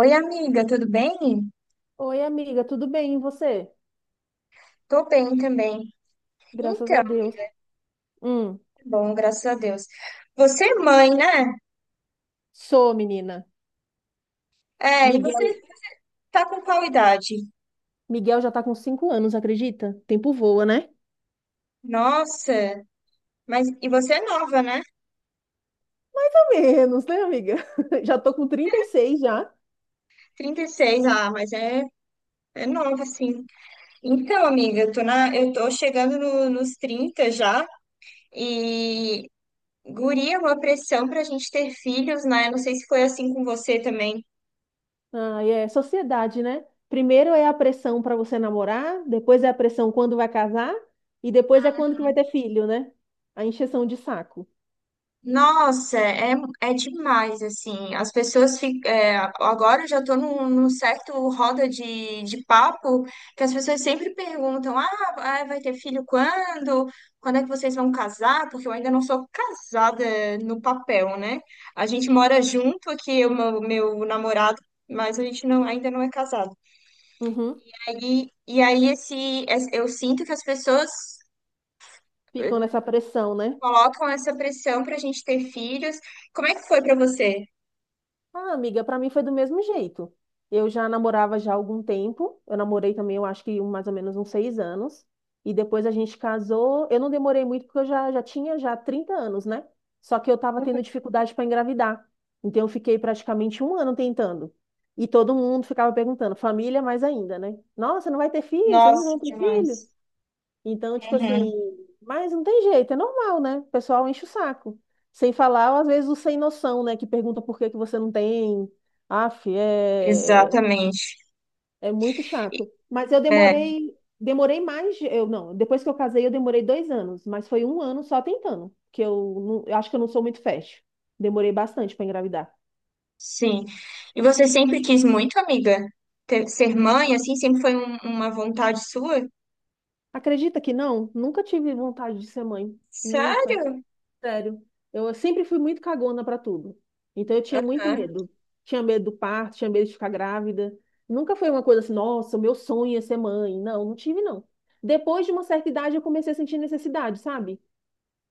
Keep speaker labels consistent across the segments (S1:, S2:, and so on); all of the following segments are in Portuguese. S1: Oi, amiga, tudo bem?
S2: Oi, amiga, tudo bem? E você?
S1: Tô bem também.
S2: Graças
S1: Então,
S2: a Deus. Hum,
S1: tá bom, graças a Deus. Você é mãe, né?
S2: Sou menina.
S1: É, e você
S2: Miguel,
S1: tá com qual idade?
S2: Miguel já tá com 5 anos, acredita? Tempo voa, né?
S1: Nossa, mas e você é nova, né?
S2: Pelo menos, né, amiga? Já tô com 36 já.
S1: 36, ah, é nova, sim. Então, amiga, eu tô chegando nos 30 já e guria, uma pressão pra gente ter filhos, né? Eu não sei se foi assim com você também.
S2: Ah, é sociedade, né? Primeiro é a pressão pra você namorar, depois é a pressão quando vai casar e depois é quando que vai ter filho, né? A encheção de saco.
S1: Nossa, é, é demais, assim, as pessoas ficam, agora eu já estou num certo roda de papo, que as pessoas sempre perguntam, ah, vai ter filho quando? Quando é que vocês vão casar? Porque eu ainda não sou casada no papel, né? A gente mora junto aqui, meu namorado, mas a gente não, ainda não é casado.
S2: Uhum.
S1: Aí, e aí eu sinto que as pessoas
S2: Ficam
S1: eh,
S2: nessa pressão, né?
S1: colocam essa pressão para a gente ter filhos. Como é que foi para você?
S2: Ah, amiga, pra mim foi do mesmo jeito. Eu já namorava já há algum tempo. Eu namorei também, eu acho que mais ou menos uns 6 anos. E depois a gente casou. Eu não demorei muito porque eu já tinha já 30 anos, né? Só que eu tava tendo dificuldade para engravidar. Então eu fiquei praticamente um ano tentando. E todo mundo ficava perguntando, família mais ainda, né? Nossa, não vai ter filho? Vocês não
S1: Nossa,
S2: vão ter filho?
S1: demais.
S2: Então, tipo
S1: Uhum,
S2: assim, mas não tem jeito, é normal, né? O pessoal enche o saco. Sem falar, às vezes, o sem noção, né? Que pergunta por que que você não tem. Aff,
S1: exatamente.
S2: é muito chato. Mas eu
S1: É,
S2: demorei mais, de- eu não, depois que eu casei, eu demorei 2 anos, mas foi um ano só tentando, que eu acho que eu não sou muito fértil. Demorei bastante para engravidar.
S1: sim. E você sempre quis muito, amiga, ser mãe, assim, sempre foi uma vontade sua?
S2: Acredita que não? Nunca tive vontade de ser mãe. Nunca.
S1: Sério?
S2: Sério. Eu sempre fui muito cagona pra tudo. Então eu tinha muito
S1: Aham.
S2: medo. Tinha medo do parto, tinha medo de ficar grávida. Nunca foi uma coisa assim, nossa, o meu sonho é ser mãe. Não, não tive, não. Depois de uma certa idade, eu comecei a sentir necessidade, sabe?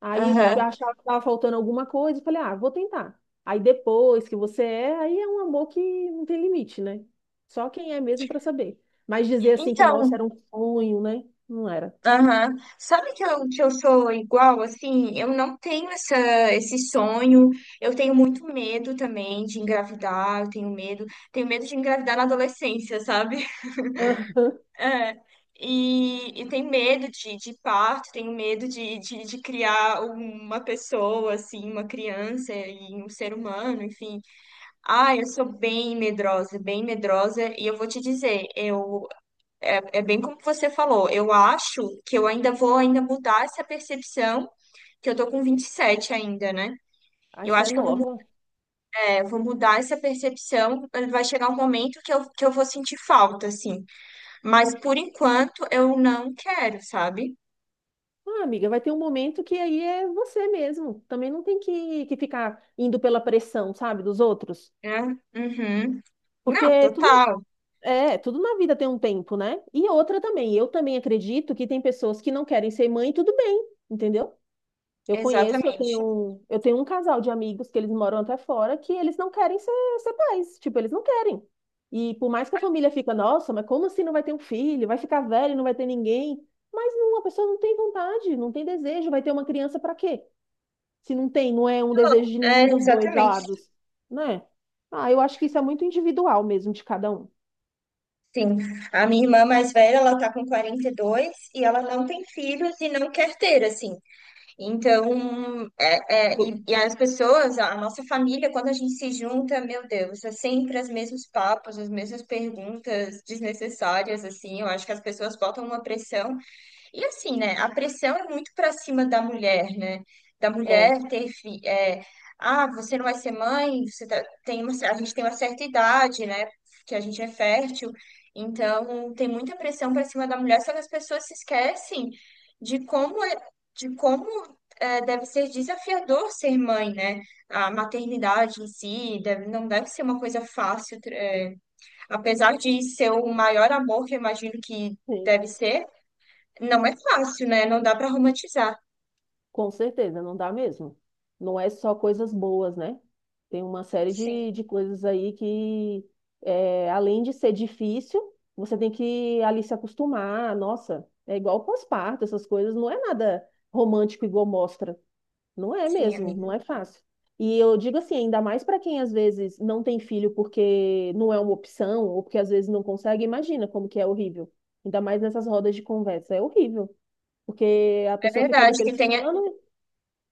S2: Aí eu
S1: Aham.
S2: achava que estava faltando alguma coisa e falei, ah, vou tentar. Aí depois que você é, aí é um amor que não tem limite, né? Só quem é mesmo pra saber. Mas dizer assim que, nossa,
S1: Então,
S2: era um sonho, né? Não era.
S1: aham. Sabe que que eu sou igual, assim? Eu não tenho essa, esse sonho. Eu tenho muito medo também de engravidar. Eu tenho medo. Tenho medo de engravidar na adolescência, sabe? É, e tem medo de parto, tem medo de criar uma pessoa, assim, uma criança e um ser humano, enfim. Ah, eu sou bem medrosa, e eu vou te dizer, é bem como você falou, eu acho que eu ainda vou ainda mudar essa percepção, que eu tô com 27 ainda, né?
S2: Aí
S1: Eu
S2: você é
S1: acho que eu vou,
S2: nova.
S1: vou mudar essa percepção, vai chegar um momento que eu vou sentir falta, assim. Mas por enquanto eu não quero, sabe?
S2: Ah, amiga, vai ter um momento que aí é você mesmo. Também não tem que ficar indo pela pressão, sabe, dos outros.
S1: Né? Uhum.
S2: Porque
S1: Não, total,
S2: tudo na vida tem um tempo, né? E outra também, eu também acredito que tem pessoas que não querem ser mãe, e tudo bem, entendeu? Eu conheço,
S1: exatamente.
S2: eu tenho um casal de amigos que eles moram até fora que eles não querem ser pais, tipo, eles não querem. E por mais que a família fica, nossa, mas como assim não vai ter um filho? Vai ficar velho, e não vai ter ninguém. Mas não, a pessoa não tem vontade, não tem desejo, vai ter uma criança para quê? Se não tem, não é um desejo de
S1: É,
S2: nenhum dos dois
S1: exatamente,
S2: lados, né? Ah, eu acho que isso é muito individual mesmo de cada um.
S1: sim. A minha irmã mais velha, ela tá com 42 e dois e ela não tem filhos e não quer ter, assim. Então,
S2: Bu-
S1: e as pessoas, a nossa família, quando a gente se junta, meu Deus, é sempre os mesmos papos, as mesmas perguntas desnecessárias, assim. Eu acho que as pessoas botam uma pressão. E assim, né? A pressão é muito para cima da mulher, né? Da
S2: É,
S1: mulher ter fi- é, ah, você não vai ser mãe, tem uma, a gente tem uma certa idade, né? Que a gente é fértil. Então, tem muita pressão para cima da mulher, só que as pessoas se esquecem de como é, de como deve ser desafiador ser mãe, né? A maternidade em si deve, não deve ser uma coisa fácil, apesar de ser o maior amor que eu imagino que
S2: sim,
S1: deve ser. Não é fácil, né? Não dá para romantizar.
S2: com certeza, não dá mesmo. Não é só coisas boas, né? Tem uma série
S1: Sim,
S2: de coisas aí que, além de ser difícil, você tem que ali se acostumar. Nossa, é igual pós-parto, essas coisas, não é nada romântico igual mostra. Não é
S1: sim,
S2: mesmo,
S1: amiga.
S2: não é fácil. E eu digo assim, ainda mais para quem às vezes não tem filho porque não é uma opção, ou porque às vezes não consegue, imagina como que é horrível. Ainda mais nessas rodas de conversa, é horrível. Porque a
S1: É
S2: pessoa fica ali
S1: verdade que tem,
S2: pressionando,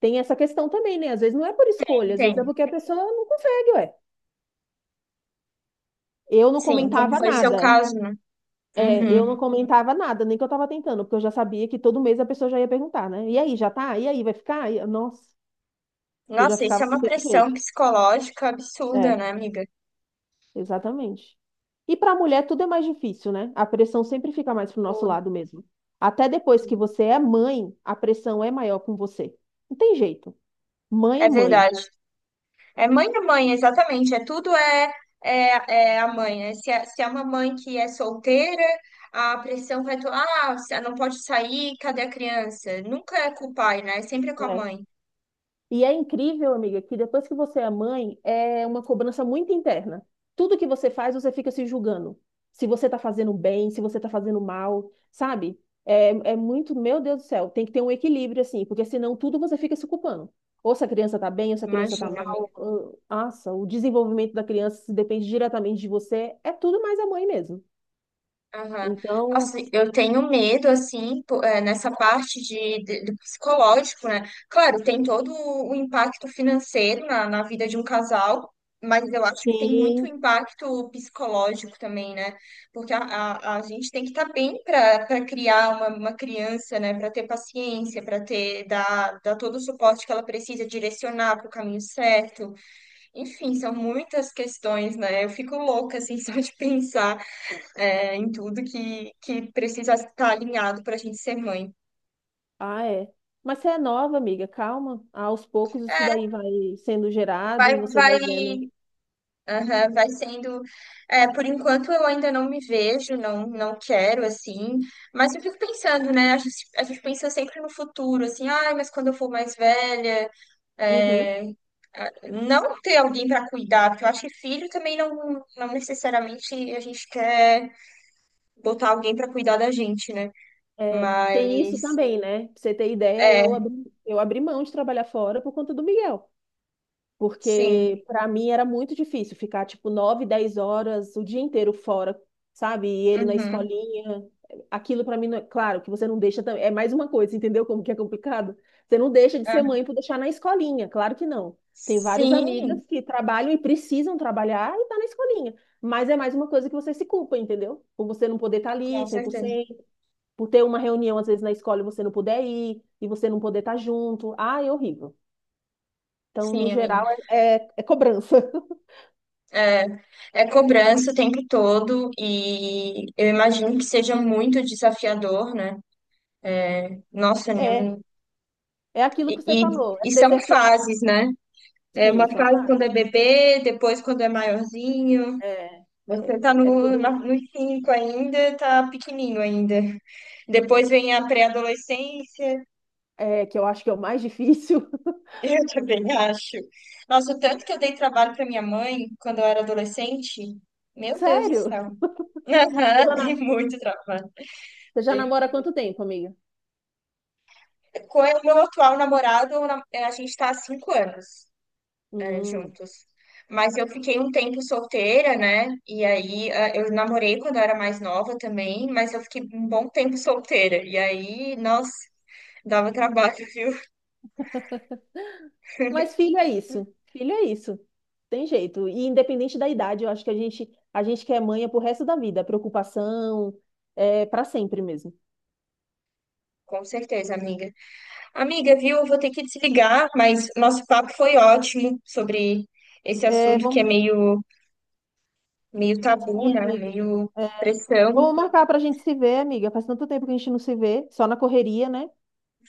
S2: tem essa questão também, né? Às vezes não é por escolha, às vezes é
S1: tem.
S2: porque a pessoa não consegue, ué. Eu não
S1: Sim, como
S2: comentava
S1: foi o seu
S2: nada.
S1: caso, né?
S2: É, eu
S1: Uhum.
S2: não comentava nada, nem que eu tava tentando, porque eu já sabia que todo mês a pessoa já ia perguntar, né? E aí, já tá? E aí, vai ficar? Nossa, eu já
S1: Nossa, isso
S2: ficava
S1: é uma
S2: daquele
S1: pressão
S2: jeito.
S1: psicológica absurda,
S2: É.
S1: né, amiga?
S2: Exatamente. E para a mulher tudo é mais difícil, né? A pressão sempre fica mais pro nosso
S1: Tudo,
S2: lado mesmo. Até depois que
S1: tudo.
S2: você é mãe, a pressão é maior com você. Não tem jeito. Mãe
S1: É
S2: é mãe.
S1: verdade. É mãe a mãe, exatamente. É a mãe, né? Se é uma mãe que é solteira, a pressão vai... Ah, você não pode sair, cadê a criança? Nunca é com o pai, né? É sempre com a
S2: Né?
S1: mãe.
S2: E é incrível, amiga, que depois que você é mãe, é uma cobrança muito interna. Tudo que você faz, você fica se julgando. Se você tá fazendo bem, se você tá fazendo mal, sabe? É muito, meu Deus do céu, tem que ter um equilíbrio, assim, porque senão tudo você fica se culpando. Ou se a criança tá bem, ou se a criança tá
S1: Imagina.
S2: mal. Nossa, o desenvolvimento da criança se depende diretamente de você. É tudo mais a mãe mesmo.
S1: Aham.
S2: Então,
S1: Nossa, eu tenho medo, assim, nessa parte do psicológico, né? Claro, tem todo o impacto financeiro na vida de um casal, mas eu acho que tem muito
S2: sim.
S1: impacto psicológico também, né? Porque a gente tem que estar bem para para criar uma criança, né? Para ter paciência, para ter, dar todo o suporte que ela precisa, direcionar para o caminho certo. Enfim, são muitas questões, né? Eu fico louca, assim, só de pensar é, em tudo que precisa estar alinhado para a gente ser mãe.
S2: Ah, é. Mas você é nova, amiga, calma. Aos poucos isso daí vai sendo gerado
S1: Vai,
S2: e você
S1: vai,
S2: vai vendo.
S1: aham, vai sendo. É, por enquanto eu ainda não me vejo, não quero assim, mas eu fico pensando, né? A gente pensa sempre no futuro, assim, ai, mas quando eu for mais velha,
S2: Uhum.
S1: é, não ter alguém para cuidar, porque eu acho que filho também não necessariamente a gente quer botar alguém para cuidar da gente, né?
S2: É, tem isso
S1: Mas,
S2: também, né? Pra você ter ideia,
S1: é,
S2: eu abri mão de trabalhar fora por conta do Miguel.
S1: sim.
S2: Porque para mim era muito difícil ficar tipo 9 10 horas o dia inteiro fora, sabe? E ele na
S1: Uhum.
S2: escolinha. Aquilo para mim, não é... claro, que você não deixa, é mais uma coisa, entendeu como que é complicado? Você não deixa de
S1: Ah,
S2: ser mãe por deixar na escolinha, claro que não. Tem vários amigas
S1: sim,
S2: que trabalham e precisam trabalhar e tá na escolinha, mas é mais uma coisa que você se culpa, entendeu? Por você não poder estar
S1: com
S2: ali cem por
S1: certeza.
S2: cento por ter uma reunião às vezes na escola e você não puder ir, e você não poder estar junto. Ah, é horrível. Então, no
S1: Sim, amiga.
S2: geral, é cobrança.
S1: É, é cobrança o tempo todo e eu imagino que seja muito desafiador, né? Nossa, nem-
S2: É,
S1: um,
S2: é aquilo que você falou. É
S1: e são
S2: desafi... é,
S1: fases, né? É
S2: Sim,
S1: uma
S2: são
S1: fase quando
S2: fatos.
S1: é bebê, depois quando é maiorzinho.
S2: É,
S1: Você
S2: é,
S1: tá
S2: é
S1: no, na-
S2: tudo
S1: nos cinco ainda, tá pequenininho ainda. Depois vem a pré-adolescência,
S2: é, que eu acho que é o mais difícil.
S1: eu também acho. Nossa, o tanto que eu dei trabalho pra minha mãe quando eu era adolescente, meu Deus do
S2: Sério?
S1: céu.
S2: Você
S1: Aham,
S2: já,
S1: tem
S2: na-
S1: muito trabalho.
S2: Você já
S1: Tem-
S2: namora há quanto tempo, amiga?
S1: Com o meu atual namorado, a gente está há 5 anos é,
S2: Hum.
S1: juntos. Mas eu fiquei um tempo solteira, né? E aí ah, eu namorei quando eu era mais nova também, mas eu fiquei um bom tempo solteira. E aí, nossa, dava trabalho, viu?
S2: Mas filho é isso. Filho é isso. Tem jeito. E independente da idade, eu acho que a gente quer manha pro resto da vida. Preocupação, para sempre mesmo.
S1: Com certeza, amiga. Amiga, viu? Eu vou ter que desligar, mas nosso papo foi ótimo sobre esse
S2: É,
S1: assunto que é
S2: vamos.
S1: meio, meio tabu,
S2: Sim,
S1: né?
S2: amiga.
S1: Meio
S2: É,
S1: pressão.
S2: vamos marcar pra gente se ver, amiga. Faz tanto tempo que a gente não se vê, só na correria, né?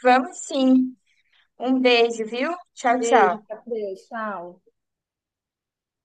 S1: Vamos sim. Um beijo, viu? Tchau, tchau.
S2: Beijo, fica com Deus. Tchau.